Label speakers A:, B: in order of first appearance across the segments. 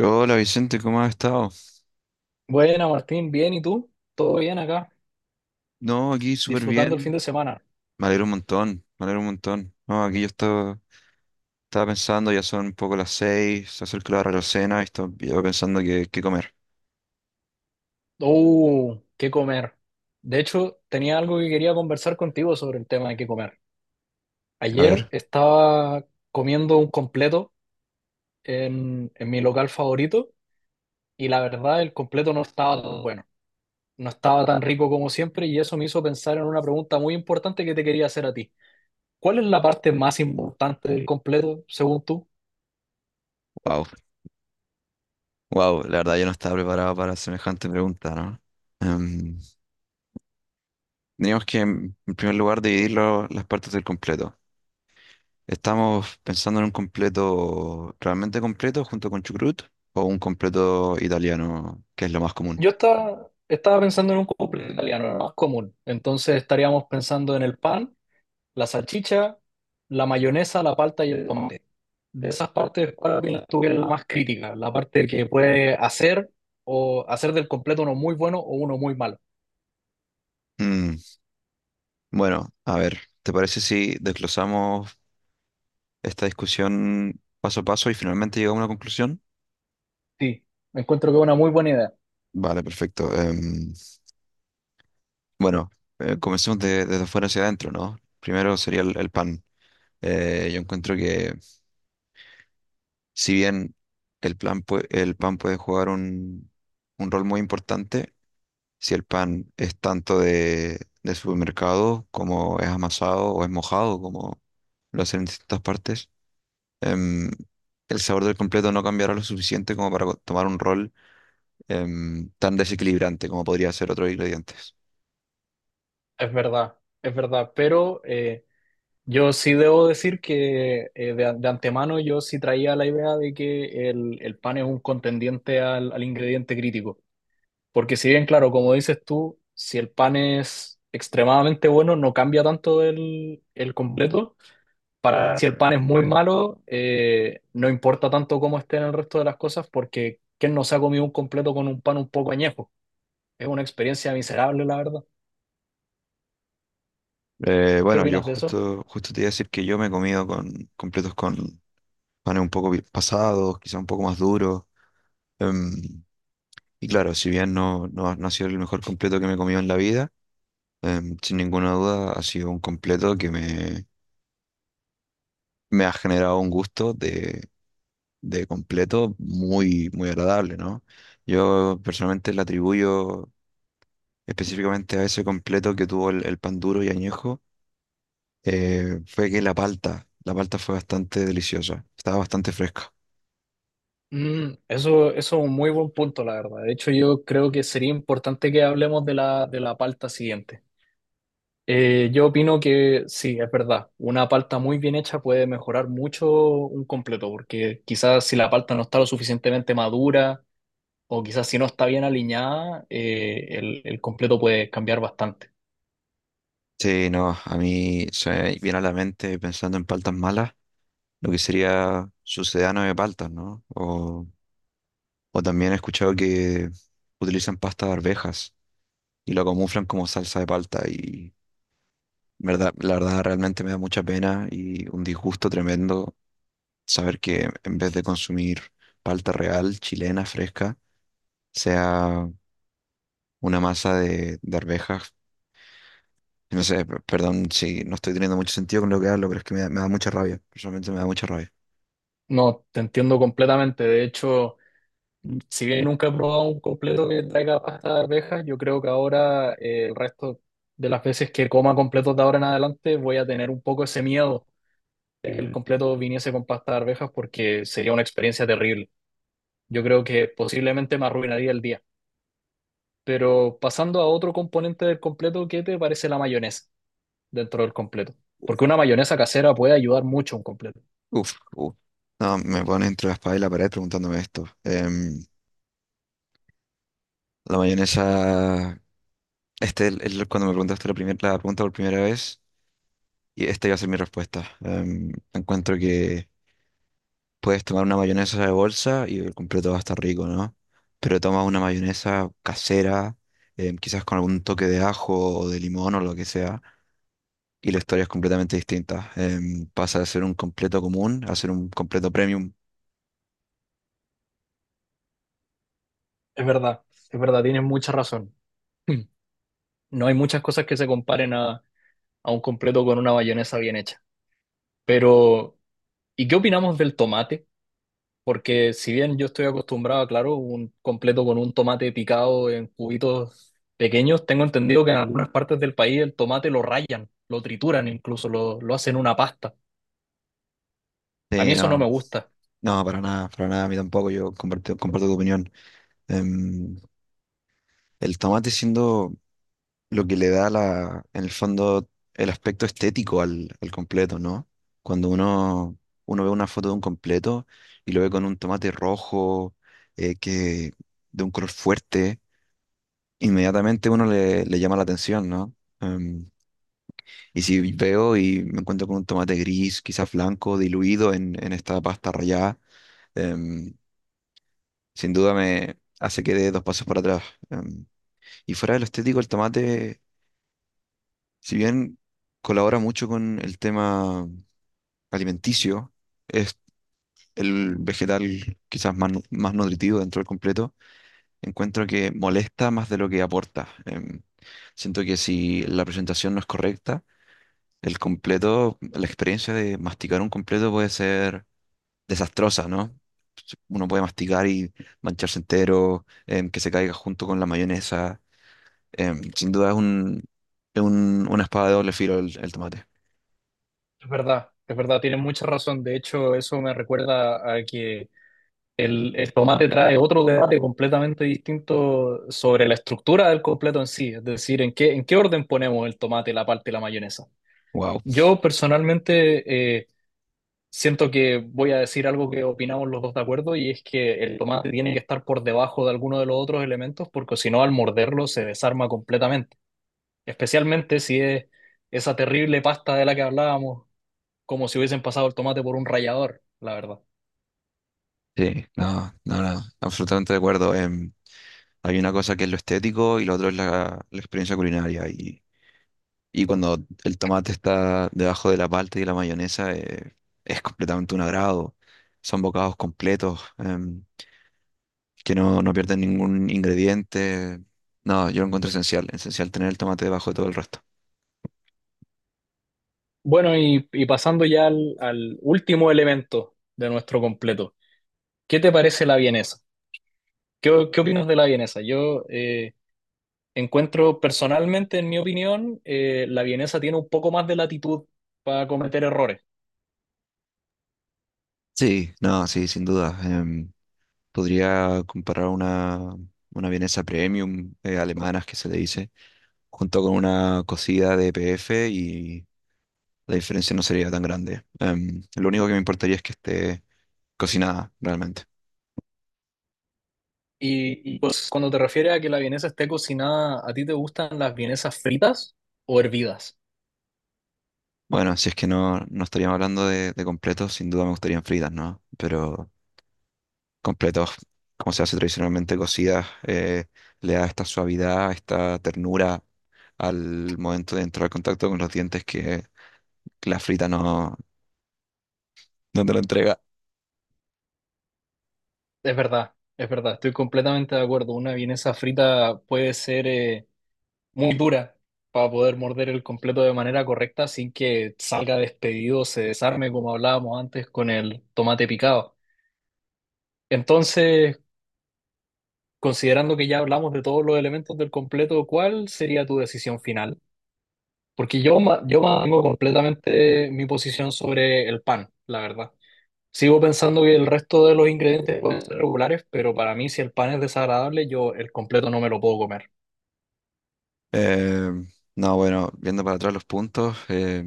A: Hola Vicente, ¿cómo has estado?
B: Buena, Martín, bien, ¿y tú? ¿Todo bien acá?
A: No, aquí súper
B: Disfrutando el fin
A: bien.
B: de semana.
A: Me alegro un montón, me alegro un montón. No, aquí yo estaba, estaba pensando, ya son un poco las 6, se acerca la hora de la cena y estaba yo pensando qué, qué comer.
B: ¡Oh! ¿Qué comer? De hecho, tenía algo que quería conversar contigo sobre el tema de qué comer.
A: A
B: Ayer
A: ver,
B: estaba comiendo un completo en mi local favorito y la verdad el completo no estaba tan bueno, no estaba tan rico como siempre y eso me hizo pensar en una pregunta muy importante que te quería hacer a ti. ¿Cuál es la parte más importante del completo, según tú?
A: wow, wow, la verdad yo no estaba preparado para semejante pregunta, ¿no? Em, teníamos que, en primer lugar, dividir las partes del completo. ¿Estamos pensando en un completo realmente completo junto con chucrut o un completo italiano, que es lo más común?
B: Yo estaba pensando en un cumple italiano, lo más común. Entonces estaríamos pensando en el pan, la salchicha, la mayonesa, la palta y el tomate. De esas partes, para mí, la tuve la más crítica, la parte que puede hacer o hacer del completo uno muy bueno o uno muy malo.
A: Mm. Bueno, a ver, ¿te parece si desglosamos esta discusión paso a paso y finalmente llegamos a una conclusión?
B: Sí, me encuentro que es una muy buena idea.
A: Vale, perfecto. Bueno, comencemos desde afuera hacia adentro, ¿no? Primero sería el pan. Yo encuentro que si bien el pan puede jugar un rol muy importante, si el pan es tanto de supermercado como es amasado o es mojado, como lo hacen en distintas partes, em, el sabor del completo no cambiará lo suficiente como para tomar un rol tan desequilibrante como podría ser otros ingredientes.
B: Es verdad, pero yo sí debo decir que de antemano yo sí traía la idea de que el pan es un contendiente al al ingrediente crítico. Porque si bien, claro, como dices tú, si el pan es extremadamente bueno, no cambia tanto el completo. Para, si el pan es muy malo, no importa tanto cómo estén el resto de las cosas, porque ¿quién no se ha comido un completo con un pan un poco añejo? Es una experiencia miserable, la verdad. ¿Qué
A: Bueno, yo
B: opinas de eso?
A: justo, justo te iba a decir que yo me he comido con completos con panes un poco pasados, quizá un poco más duros. em, y claro, si bien no ha sido el mejor completo que me he comido en la vida, sin ninguna duda ha sido un completo que me ha generado un gusto de completo muy, muy agradable, ¿no? Yo personalmente le atribuyo específicamente a ese completo que tuvo el pan duro y añejo, fue que la palta fue bastante deliciosa, estaba bastante fresca.
B: Mm, eso es un muy buen punto, la verdad. De hecho, yo creo que sería importante que hablemos de la palta siguiente. Yo opino que sí, es verdad. Una palta muy bien hecha puede mejorar mucho un completo, porque quizás si la palta no está lo suficientemente madura o quizás si no está bien alineada, el completo puede cambiar bastante.
A: Sí, no, a mí se me viene a la mente pensando en paltas malas, lo que sería sucedano de paltas, ¿no? O también he escuchado que utilizan pasta de arvejas y lo camuflan como salsa de palta y verdad, la verdad realmente me da mucha pena y un disgusto tremendo saber que en vez de consumir palta real, chilena, fresca, sea una masa de arvejas. No sé, perdón si no estoy teniendo mucho sentido con lo que hablo, pero es que me da mucha rabia. Personalmente me da mucha rabia.
B: No, te entiendo completamente. De hecho, si bien nunca he probado un completo que traiga pasta de arvejas, yo creo que ahora el resto de las veces que coma completos de ahora en adelante voy a tener un poco ese miedo de que el completo viniese con pasta de arvejas porque sería una experiencia terrible. Yo creo que posiblemente me arruinaría el día. Pero pasando a otro componente del completo, ¿qué te parece la mayonesa dentro del completo? Porque una mayonesa casera puede ayudar mucho a un completo.
A: Uf, uf. No, me pone entre la espada y la pared preguntándome esto. La mayonesa, este cuando me preguntaste la, la pregunta por primera vez, y esta iba a ser mi respuesta. Encuentro que puedes tomar una mayonesa de bolsa y el completo va a estar rico, ¿no? Pero toma una mayonesa casera, quizás con algún toque de ajo o de limón o lo que sea y la historia es completamente distinta. Pasa de ser un completo común a ser un completo premium.
B: Es verdad, es verdad, tienes mucha razón. No hay muchas cosas que se comparen a un completo con una mayonesa bien hecha. Pero, ¿y qué opinamos del tomate? Porque si bien yo estoy acostumbrado, claro, un completo con un tomate picado en cubitos pequeños, tengo entendido que en algunas partes del país el tomate lo rayan, lo trituran incluso, lo hacen una pasta. A mí
A: Sí,
B: eso no
A: no,
B: me gusta.
A: no, para nada, a mí tampoco, yo comparto, comparto tu opinión. Em, el tomate siendo lo que le da la, en el fondo el aspecto estético al completo, ¿no? Cuando uno, uno ve una foto de un completo y lo ve con un tomate rojo, que, de un color fuerte, inmediatamente uno le, le llama la atención, ¿no? Em, y si veo y me encuentro con un tomate gris, quizás blanco, diluido en esta pasta rallada, em, sin duda me hace que dé dos pasos para atrás. em. Y fuera de lo estético, el tomate, si bien colabora mucho con el tema alimenticio, es el vegetal quizás más, más nutritivo dentro del completo, encuentro que molesta más de lo que aporta. Siento que si la presentación no es correcta, el completo, la experiencia de masticar un completo puede ser desastrosa, ¿no? Uno puede masticar y mancharse entero, que se caiga junto con la mayonesa. Sin duda es un, una espada de doble filo el tomate.
B: Es verdad, tienes mucha razón. De hecho, eso me recuerda a que el tomate trae otro debate completamente distinto sobre la estructura del completo en sí. Es decir, en qué orden ponemos el tomate, la parte y la mayonesa.
A: Wow.
B: Yo personalmente... eh, siento que voy a decir algo que opinamos los dos de acuerdo y es que el tomate tiene que estar por debajo de alguno de los otros elementos porque si no al morderlo se desarma completamente, especialmente si es esa terrible pasta de la que hablábamos, como si hubiesen pasado el tomate por un rallador, la verdad.
A: Sí, no, no, no, absolutamente de acuerdo. Hay una cosa que es lo estético y lo otro es la, la experiencia culinaria. Y cuando el tomate está debajo de la palta y la mayonesa, es completamente un agrado. Son bocados completos. Que no, no pierden ningún ingrediente. No, yo lo encuentro esencial, esencial tener el tomate debajo de todo el resto.
B: Bueno, y pasando ya al, al último elemento de nuestro completo, ¿qué te parece la vienesa? ¿Qué opinas de la vienesa? Yo, encuentro personalmente, en mi opinión, la vienesa tiene un poco más de latitud para cometer errores.
A: Sí, no, sí, sin duda. Podría comparar una vienesa premium alemanas que se le dice, junto con una cocida de PF y la diferencia no sería tan grande. Lo único que me importaría es que esté cocinada realmente.
B: Pues cuando te refieres a que la vienesa esté cocinada, ¿a ti te gustan las vienesas fritas o hervidas?
A: Bueno, si es que no, no estaríamos hablando de completos, sin duda me gustarían fritas, ¿no? Pero completos, como se hace tradicionalmente cocidas, le da esta suavidad, esta ternura al momento de entrar en contacto con los dientes que la frita no, no te lo entrega.
B: Es verdad, estoy completamente de acuerdo. Una vienesa frita puede ser muy dura para poder morder el completo de manera correcta sin que salga despedido, se desarme, como hablábamos antes con el tomate picado. Entonces, considerando que ya hablamos de todos los elementos del completo, ¿cuál sería tu decisión final? Porque yo, yo mantengo completamente mi posición sobre el pan, la verdad. Sigo pensando que el resto de los ingredientes pueden ser regulares, pero para mí si el pan es desagradable, yo el completo no me lo puedo comer.
A: Eh, no, bueno, viendo para atrás los puntos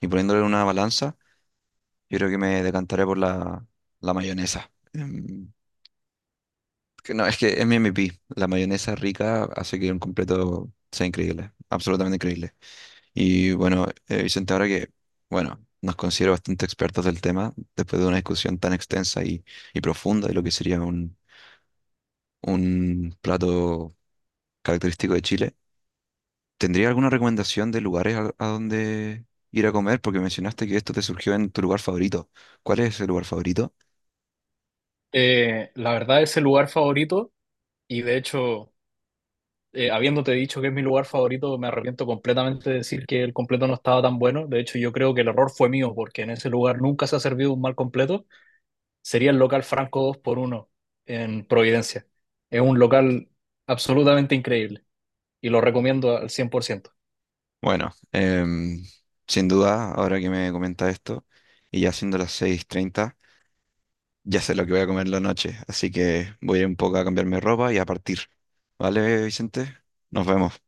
A: y poniéndole en una balanza, yo creo que me decantaré por la, la mayonesa. Que no, es que es mi MVP. La mayonesa rica hace que un completo sea increíble, absolutamente increíble. Y bueno, Vicente, ahora que, bueno, nos considero bastante expertos del tema, después de una discusión tan extensa y profunda de lo que sería un plato característico de Chile, ¿tendría alguna recomendación de lugares a donde ir a comer? Porque mencionaste que esto te surgió en tu lugar favorito. ¿Cuál es ese lugar favorito?
B: La verdad es el lugar favorito y de hecho, habiéndote dicho que es mi lugar favorito, me arrepiento completamente de decir que el completo no estaba tan bueno. De hecho, yo creo que el error fue mío porque en ese lugar nunca se ha servido un mal completo. Sería el local Franco 2 por uno en Providencia. Es un local absolutamente increíble y lo recomiendo al 100%.
A: Bueno, sin duda, ahora que me comentas esto, y ya siendo las 6:30. Ya sé lo que voy a comer la noche, así que voy a ir un poco a cambiarme de ropa y a partir. ¿Vale, Vicente? Nos vemos.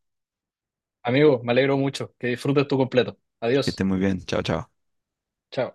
B: Amigo, me alegro mucho. Que disfrutes tu completo.
A: Que esté
B: Adiós.
A: muy bien. Chao, chao.
B: Chao.